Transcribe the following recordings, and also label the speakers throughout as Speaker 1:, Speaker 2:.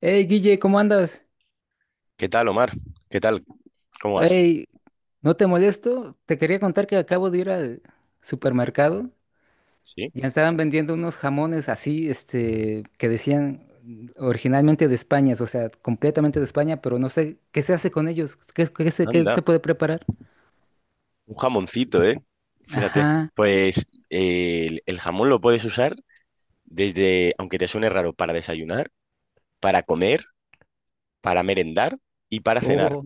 Speaker 1: Hey, Guille, ¿cómo andas?
Speaker 2: ¿Qué tal, Omar? ¿Qué tal? ¿Cómo vas?
Speaker 1: Hey, no te molesto. Te quería contar que acabo de ir al supermercado.
Speaker 2: Sí,
Speaker 1: Ya estaban vendiendo unos jamones así, que decían originalmente de España, o sea, completamente de España, pero no sé qué se hace con ellos, qué, qué se, qué
Speaker 2: anda,
Speaker 1: se puede preparar.
Speaker 2: un jamoncito, ¿eh? Fíjate.
Speaker 1: Ajá.
Speaker 2: Pues el jamón lo puedes usar desde, aunque te suene raro, para desayunar, para comer, para merendar y para cenar.
Speaker 1: Oh,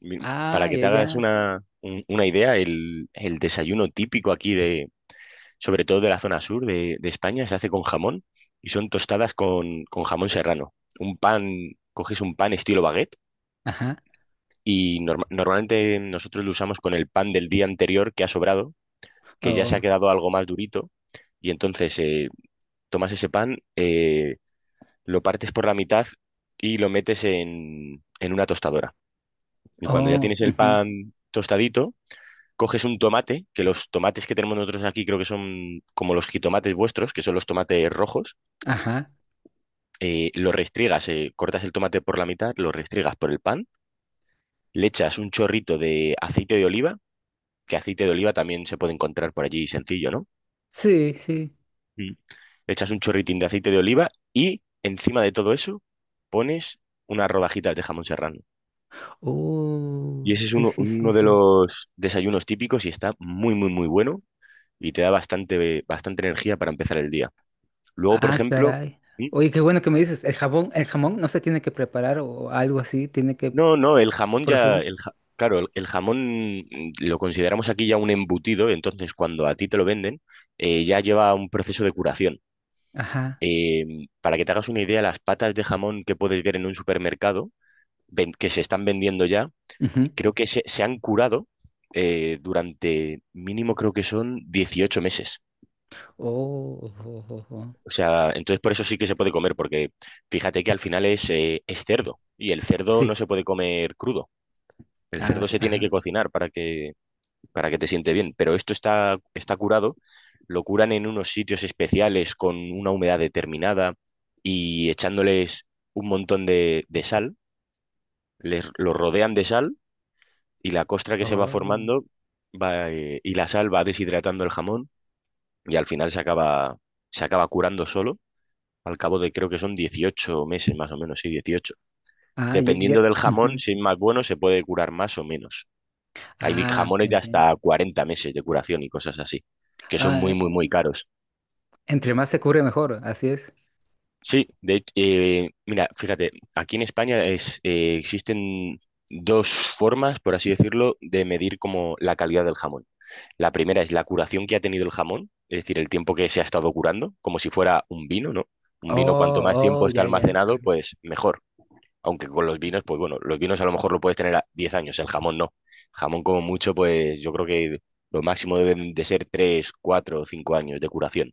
Speaker 2: Para
Speaker 1: ah,
Speaker 2: que
Speaker 1: ya,
Speaker 2: te hagas
Speaker 1: ya.
Speaker 2: una idea, el desayuno típico aquí de, sobre todo de la zona sur de España, se hace con jamón y son tostadas con jamón serrano. Un pan, coges un pan estilo baguette
Speaker 1: Ajá.
Speaker 2: y normalmente nosotros lo usamos con el pan del día anterior que ha sobrado, que ya se ha
Speaker 1: Oh,
Speaker 2: quedado algo más durito, y entonces tomas ese pan, lo partes por la mitad y lo metes en una tostadora. Y cuando ya
Speaker 1: oh,
Speaker 2: tienes el
Speaker 1: ujú.
Speaker 2: pan tostadito, coges un tomate, que los tomates que tenemos nosotros aquí creo que son como los jitomates vuestros, que son los tomates rojos,
Speaker 1: Ajá.
Speaker 2: lo restriegas, cortas el tomate por la mitad, lo restriegas por el pan, le echas un chorrito de aceite de oliva, que aceite de oliva también se puede encontrar por allí sencillo, ¿no?
Speaker 1: Sí, sí.
Speaker 2: Mm. Le echas un chorritín de aceite de oliva y encima de todo eso pones unas rodajitas de jamón serrano.
Speaker 1: Oh,
Speaker 2: Y ese es
Speaker 1: sí,
Speaker 2: uno,
Speaker 1: sí, sí,
Speaker 2: uno de
Speaker 1: sí.
Speaker 2: los desayunos típicos y está muy, muy, muy bueno y te da bastante, bastante energía para empezar el día. Luego, por
Speaker 1: Ah,
Speaker 2: ejemplo.
Speaker 1: caray.
Speaker 2: ¿Mm?
Speaker 1: Oye, qué bueno que me dices, el jamón no se tiene que preparar o algo así, tiene que
Speaker 2: No, no, el jamón ya,
Speaker 1: procesar.
Speaker 2: claro, el jamón lo consideramos aquí ya un embutido, entonces cuando a ti te lo venden, ya lleva un proceso de curación.
Speaker 1: Ajá,
Speaker 2: Para que te hagas una idea, las patas de jamón que puedes ver en un supermercado, que se están vendiendo ya,
Speaker 1: ujú.
Speaker 2: creo que se han curado durante mínimo creo que son 18 meses.
Speaker 1: Oh, oh, oh, oh.
Speaker 2: O sea, entonces por eso sí que se puede comer, porque fíjate que al final es cerdo y el cerdo
Speaker 1: Sí.
Speaker 2: no se puede comer crudo. El
Speaker 1: Ah,
Speaker 2: cerdo
Speaker 1: sí,
Speaker 2: se tiene que
Speaker 1: ajá.
Speaker 2: cocinar para que te siente bien, pero esto está curado, lo curan en unos sitios especiales con una humedad determinada y echándoles un montón de sal, los rodean de sal y la costra que se va
Speaker 1: Oh.
Speaker 2: formando y la sal va deshidratando el jamón y al final se acaba curando solo. Al cabo de creo que son 18 meses más o menos, sí, 18.
Speaker 1: Ah, ya, ya,
Speaker 2: Dependiendo del jamón,
Speaker 1: ujú.
Speaker 2: si es más bueno, se puede curar más o menos. Hay
Speaker 1: Ah,
Speaker 2: jamones
Speaker 1: bien,
Speaker 2: de
Speaker 1: bien.
Speaker 2: hasta 40 meses de curación y cosas así, que son
Speaker 1: Ah,
Speaker 2: muy, muy, muy caros.
Speaker 1: entre más se cubre mejor, así es.
Speaker 2: Sí, de hecho, mira, fíjate, aquí en España existen dos formas, por así decirlo, de medir como la calidad del jamón. La primera es la curación que ha tenido el jamón, es decir, el tiempo que se ha estado curando, como si fuera un vino, ¿no? Un vino, cuanto más
Speaker 1: Oh,
Speaker 2: tiempo
Speaker 1: oh,
Speaker 2: está
Speaker 1: ya, ya.
Speaker 2: almacenado, pues mejor. Aunque con los vinos, pues bueno, los vinos a lo mejor lo puedes tener a 10 años, el jamón no. Jamón como mucho, pues yo creo que lo máximo deben de ser 3, 4 o 5 años de curación.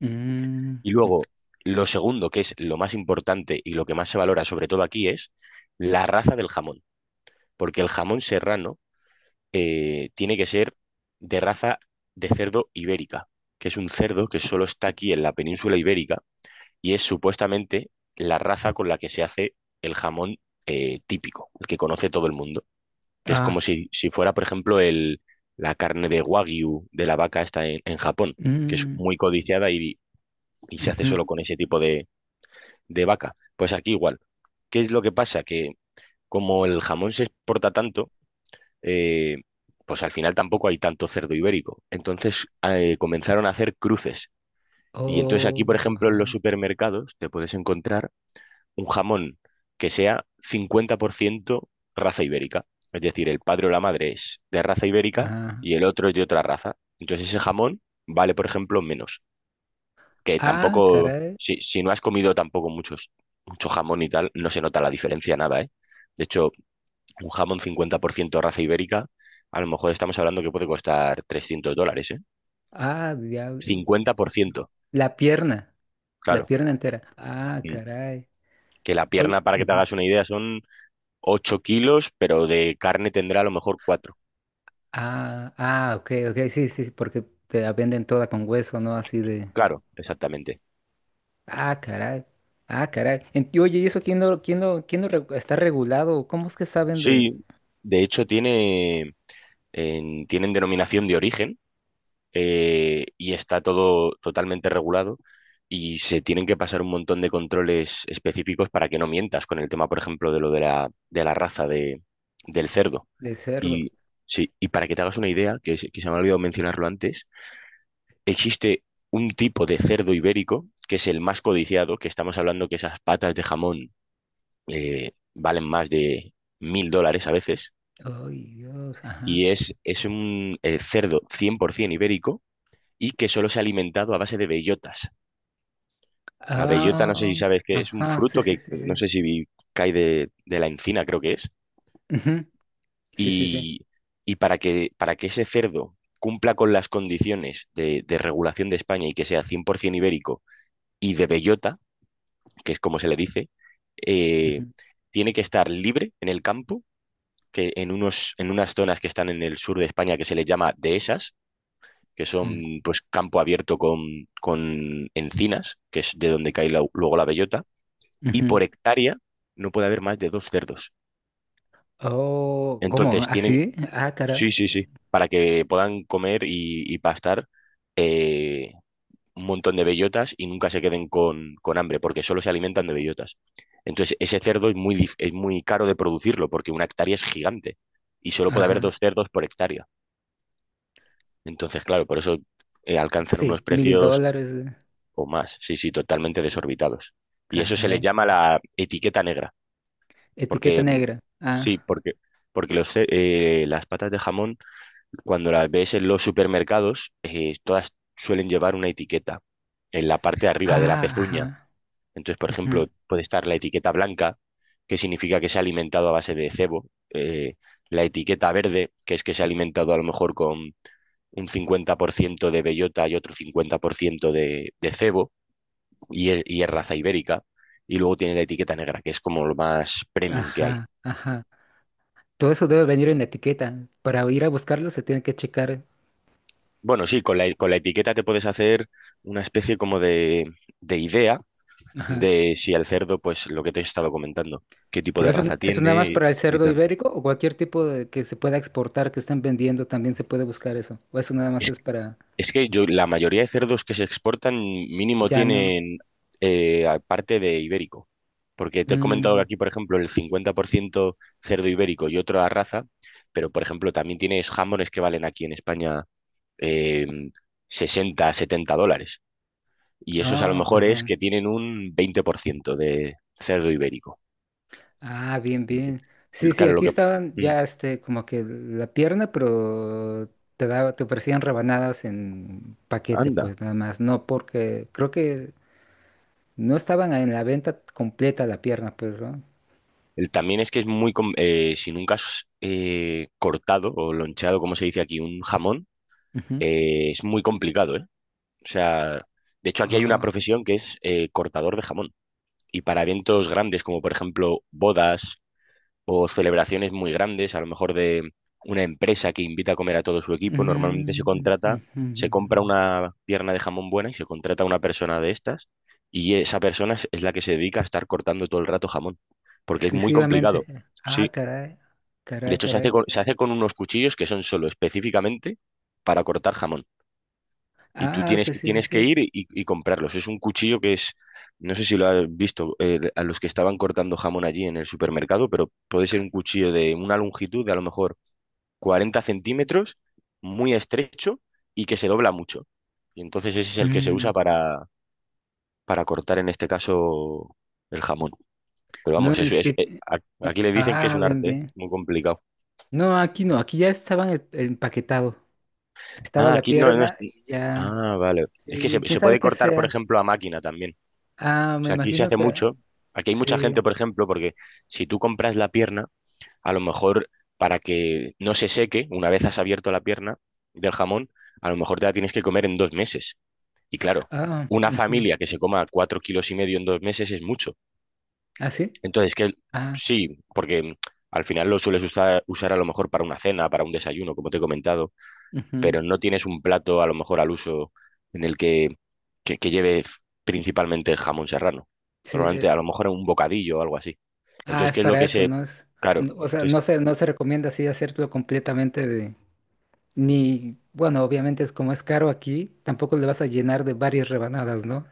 Speaker 1: Mm,
Speaker 2: Y
Speaker 1: mm.
Speaker 2: luego, lo segundo, que es lo más importante y lo que más se valora sobre todo aquí, es la raza del jamón. Porque el jamón serrano tiene que ser de raza de cerdo ibérica, que es un cerdo que solo está aquí en la península ibérica y es supuestamente la raza con la que se hace el jamón típico, el que conoce todo el mundo, que es como
Speaker 1: Ah,
Speaker 2: si fuera, por ejemplo, la carne de Wagyu de la vaca esta en Japón, que es
Speaker 1: mm,
Speaker 2: muy codiciada y se hace
Speaker 1: ujú.
Speaker 2: solo con ese tipo de vaca. Pues aquí igual. ¿Qué es lo que pasa? Que como el jamón se exporta tanto, eh, pues al final tampoco hay tanto cerdo ibérico. Entonces comenzaron a hacer cruces. Y entonces aquí,
Speaker 1: Oh,
Speaker 2: por ejemplo, en los
Speaker 1: ajá.
Speaker 2: supermercados te puedes encontrar un jamón que sea 50% raza ibérica. Es decir, el padre o la madre es de raza ibérica
Speaker 1: Ah,
Speaker 2: y el otro es de otra raza. Entonces ese jamón vale, por ejemplo, menos. Que
Speaker 1: ah,
Speaker 2: tampoco,
Speaker 1: caray.
Speaker 2: si no has comido tampoco mucho jamón y tal, no se nota la diferencia nada, ¿eh? De hecho, un jamón 50% raza ibérica, a lo mejor estamos hablando que puede costar $300, ¿eh?
Speaker 1: Ah, diablo.
Speaker 2: 50%,
Speaker 1: La pierna. La
Speaker 2: claro.
Speaker 1: pierna entera. Ah,
Speaker 2: Mm.
Speaker 1: caray.
Speaker 2: Que la
Speaker 1: Oye,
Speaker 2: pierna, para que te
Speaker 1: ujú.
Speaker 2: hagas una idea, son 8 kilos, pero de carne tendrá a lo mejor cuatro.
Speaker 1: Ah, ah, ok, ok, sí, sí, sí, porque te la venden toda con hueso, ¿no? Así de.
Speaker 2: Claro, exactamente.
Speaker 1: Ah, caray. Ah, caray. En- y oye, ¿y eso quién no, quién no, quién no regu- está regulado? ¿Cómo es que saben de,
Speaker 2: Sí, de hecho tienen denominación de origen, y está todo totalmente regulado y se tienen que pasar un montón de controles específicos para que no mientas con el tema, por ejemplo, de lo de la raza del cerdo.
Speaker 1: del cerdo?
Speaker 2: Y, sí, y para que te hagas una idea, que se me ha olvidado mencionarlo antes, existe un tipo de cerdo ibérico que es el más codiciado, que estamos hablando que esas patas de jamón valen más de $1000 a veces
Speaker 1: Ay, Dios, ajá.
Speaker 2: y es un cerdo 100% ibérico y que solo se ha alimentado a base de bellotas. La bellota, no sé
Speaker 1: Ah,
Speaker 2: si sabes que es un
Speaker 1: ajá, sí,
Speaker 2: fruto
Speaker 1: sí,
Speaker 2: que
Speaker 1: sí,
Speaker 2: no
Speaker 1: sí.
Speaker 2: sé si cae de la encina, creo que es.
Speaker 1: Ujú. Sí, sí, sí.
Speaker 2: Y, y para que ese cerdo cumpla con las condiciones de regulación de España y que sea 100% ibérico y de bellota, que es como se le dice, eh,
Speaker 1: Ujú,
Speaker 2: tiene que estar libre en el campo, que en unas zonas que están en el sur de España que se les llama dehesas, que
Speaker 1: ujú,
Speaker 2: son pues campo abierto con encinas, que es de donde cae luego la bellota, y
Speaker 1: ujú.
Speaker 2: por hectárea no puede haber más de dos cerdos.
Speaker 1: Oh, ¿cómo?
Speaker 2: Entonces
Speaker 1: ¿Así? Ah, caray.
Speaker 2: sí, sí, sí, para que puedan comer y pastar, eh, un montón de bellotas y nunca se queden con hambre, porque solo se alimentan de bellotas. Entonces ese cerdo es muy caro de producirlo, porque una hectárea es gigante y solo puede haber
Speaker 1: Ajá.
Speaker 2: dos cerdos por hectárea. Entonces, claro, por eso, alcanzan unos
Speaker 1: Sí, mil
Speaker 2: precios
Speaker 1: dólares. eh.
Speaker 2: o más. Sí, sí, totalmente
Speaker 1: Sí.
Speaker 2: desorbitados. Y eso se le
Speaker 1: Caray.
Speaker 2: llama la etiqueta negra,
Speaker 1: Etiqueta
Speaker 2: porque
Speaker 1: negra. Ah,
Speaker 2: sí, porque las patas de jamón, cuando las ves en los supermercados, todas suelen llevar una etiqueta en la parte de arriba de la
Speaker 1: ah,
Speaker 2: pezuña.
Speaker 1: ajá,
Speaker 2: Entonces, por
Speaker 1: ujú.
Speaker 2: ejemplo, puede estar la etiqueta blanca, que significa que se ha alimentado a base de cebo, eh, la etiqueta verde, que es que se ha alimentado a lo mejor con un 50% de bellota y otro 50% de cebo y es raza ibérica, y luego tiene la etiqueta negra, que es como lo más premium que hay.
Speaker 1: Ajá, ajá. Todo eso debe venir en etiqueta. Para ir a buscarlo se tiene que checar.
Speaker 2: Bueno, sí, con la etiqueta te puedes hacer una especie como de idea
Speaker 1: Ajá.
Speaker 2: de si el cerdo, pues lo que te he estado comentando, qué tipo
Speaker 1: Pero
Speaker 2: de
Speaker 1: eso,
Speaker 2: raza
Speaker 1: eso nada más
Speaker 2: tiene y,
Speaker 1: para el
Speaker 2: y
Speaker 1: cerdo
Speaker 2: tal.
Speaker 1: ibérico o cualquier tipo de que se pueda exportar, que estén vendiendo, también se puede buscar eso. O eso nada más
Speaker 2: Es,
Speaker 1: es para
Speaker 2: es que yo, la mayoría de cerdos que se exportan mínimo
Speaker 1: ya no.
Speaker 2: tienen, parte de ibérico. Porque te he comentado que
Speaker 1: Mm,
Speaker 2: aquí, por ejemplo, el 50% cerdo ibérico y otra raza, pero por ejemplo, también tienes jamones que valen aquí en España, eh, 60, $70. Y esos a lo
Speaker 1: ah,
Speaker 2: mejor es
Speaker 1: ajá.
Speaker 2: que tienen un 20% de cerdo ibérico.
Speaker 1: Ah, bien, bien. Sí, sí,
Speaker 2: Claro, lo
Speaker 1: aquí
Speaker 2: que.
Speaker 1: estaban
Speaker 2: Mm.
Speaker 1: ya como que la pierna, pero te daba, te ofrecían rebanadas en paquete,
Speaker 2: Anda.
Speaker 1: pues nada más. No porque creo que no estaban en la venta completa la pierna, pues, ¿no?
Speaker 2: También es que es muy, si nunca has, cortado o loncheado, como se dice aquí, un jamón,
Speaker 1: Ujú.
Speaker 2: es muy complicado, ¿eh? O sea, de hecho aquí hay una
Speaker 1: Ah,
Speaker 2: profesión que es, cortador de jamón. Y para eventos grandes como por ejemplo bodas o celebraciones muy grandes, a lo mejor de una empresa que invita a comer a todo su equipo, normalmente se
Speaker 1: ujú,
Speaker 2: contrata,
Speaker 1: ujú.
Speaker 2: se compra una pierna de jamón buena y se contrata a una persona de estas y esa persona es la que se dedica a estar cortando todo el rato jamón, porque es muy
Speaker 1: Exclusivamente.
Speaker 2: complicado.
Speaker 1: Ah,
Speaker 2: Sí,
Speaker 1: caray.
Speaker 2: de
Speaker 1: Caray,
Speaker 2: hecho se hace
Speaker 1: caray.
Speaker 2: con, se hace con unos cuchillos que son solo específicamente para cortar jamón y tú
Speaker 1: Ah,
Speaker 2: tienes
Speaker 1: sí,
Speaker 2: que,
Speaker 1: sí, sí,
Speaker 2: tienes que
Speaker 1: sí.
Speaker 2: ir y comprarlos. Es un cuchillo que es, no sé si lo has visto, a los que estaban cortando jamón allí en el supermercado, pero puede ser un cuchillo de una longitud de a lo mejor 40 centímetros, muy estrecho y que se dobla mucho. Y entonces ese es el que se
Speaker 1: Mm.
Speaker 2: usa para cortar en este caso el jamón. Pero
Speaker 1: No,
Speaker 2: vamos,
Speaker 1: ni
Speaker 2: eso es,
Speaker 1: siquiera-
Speaker 2: aquí le dicen que es
Speaker 1: ah,
Speaker 2: un
Speaker 1: bien,
Speaker 2: arte, ¿eh?
Speaker 1: bien.
Speaker 2: Muy complicado.
Speaker 1: No, aquí no, aquí ya estaban el empaquetado. Estaba
Speaker 2: Ah,
Speaker 1: la
Speaker 2: aquí no,
Speaker 1: pierna y ya.
Speaker 2: Ah, vale. Es que se,
Speaker 1: Sí, quién
Speaker 2: se
Speaker 1: sabe
Speaker 2: puede
Speaker 1: qué
Speaker 2: cortar, por
Speaker 1: sea.
Speaker 2: ejemplo, a máquina también.
Speaker 1: Ah,
Speaker 2: O
Speaker 1: me
Speaker 2: sea, aquí se
Speaker 1: imagino
Speaker 2: hace
Speaker 1: que
Speaker 2: mucho. Aquí hay mucha
Speaker 1: sí.
Speaker 2: gente, por ejemplo, porque si tú compras la pierna, a lo mejor para que no se seque, una vez has abierto la pierna del jamón, a lo mejor te la tienes que comer en 2 meses. Y claro,
Speaker 1: Ah,
Speaker 2: una
Speaker 1: ujú.
Speaker 2: familia que se coma 4,5 kilos en 2 meses es mucho.
Speaker 1: ¿Ah, sí?
Speaker 2: Entonces, que
Speaker 1: Ah,
Speaker 2: sí, porque al final lo sueles usar a lo mejor para una cena, para un desayuno, como te he comentado,
Speaker 1: ujú.
Speaker 2: pero no tienes un plato a lo mejor al uso en el que lleve principalmente el jamón serrano.
Speaker 1: Sí,
Speaker 2: Normalmente
Speaker 1: eh,
Speaker 2: a lo mejor un bocadillo o algo así.
Speaker 1: Ah,
Speaker 2: Entonces,
Speaker 1: es
Speaker 2: qué es lo
Speaker 1: para
Speaker 2: que
Speaker 1: eso,
Speaker 2: se.
Speaker 1: ¿no? Es,
Speaker 2: Claro,
Speaker 1: no- o sea,
Speaker 2: entonces.
Speaker 1: no se, no se recomienda así hacerlo completamente de, ni, bueno, obviamente es como es caro aquí, tampoco le vas a llenar de varias rebanadas, ¿no?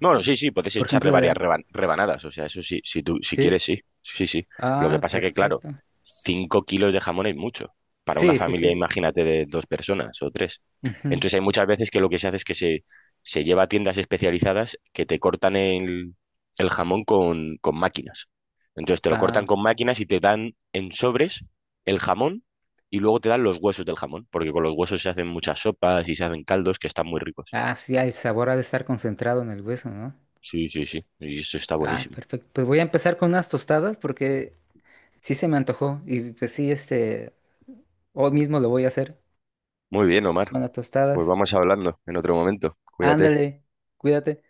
Speaker 2: No, no, sí, sí, puedes
Speaker 1: Por
Speaker 2: echarle
Speaker 1: ejemplo,
Speaker 2: varias
Speaker 1: la-
Speaker 2: rebanadas, o sea, eso sí, si
Speaker 1: sí.
Speaker 2: quieres, sí, sí, sí. Lo que
Speaker 1: Ah,
Speaker 2: pasa que, claro,
Speaker 1: perfecto.
Speaker 2: 5 kilos de jamón es mucho. Para una
Speaker 1: Sí, sí,
Speaker 2: familia,
Speaker 1: sí.
Speaker 2: imagínate, de dos personas o tres.
Speaker 1: Ujú.
Speaker 2: Entonces hay muchas veces que lo que se hace es que se lleva a tiendas especializadas que te cortan el jamón con máquinas. Entonces te lo
Speaker 1: Ah,
Speaker 2: cortan con máquinas y te dan en sobres el jamón y luego te dan los huesos del jamón, porque con los huesos se hacen muchas sopas y se hacen caldos que están muy ricos.
Speaker 1: ah, sí, el sabor ha de estar concentrado en el hueso, ¿no?
Speaker 2: Sí, sí, sí, y eso está
Speaker 1: Ah,
Speaker 2: buenísimo.
Speaker 1: perfecto. Pues voy a empezar con unas tostadas porque sí se me antojó y pues sí, hoy mismo lo voy a hacer.
Speaker 2: Muy bien, Omar.
Speaker 1: Unas
Speaker 2: Pues
Speaker 1: tostadas.
Speaker 2: vamos hablando en otro momento. Cuídate.
Speaker 1: Ándale, cuídate.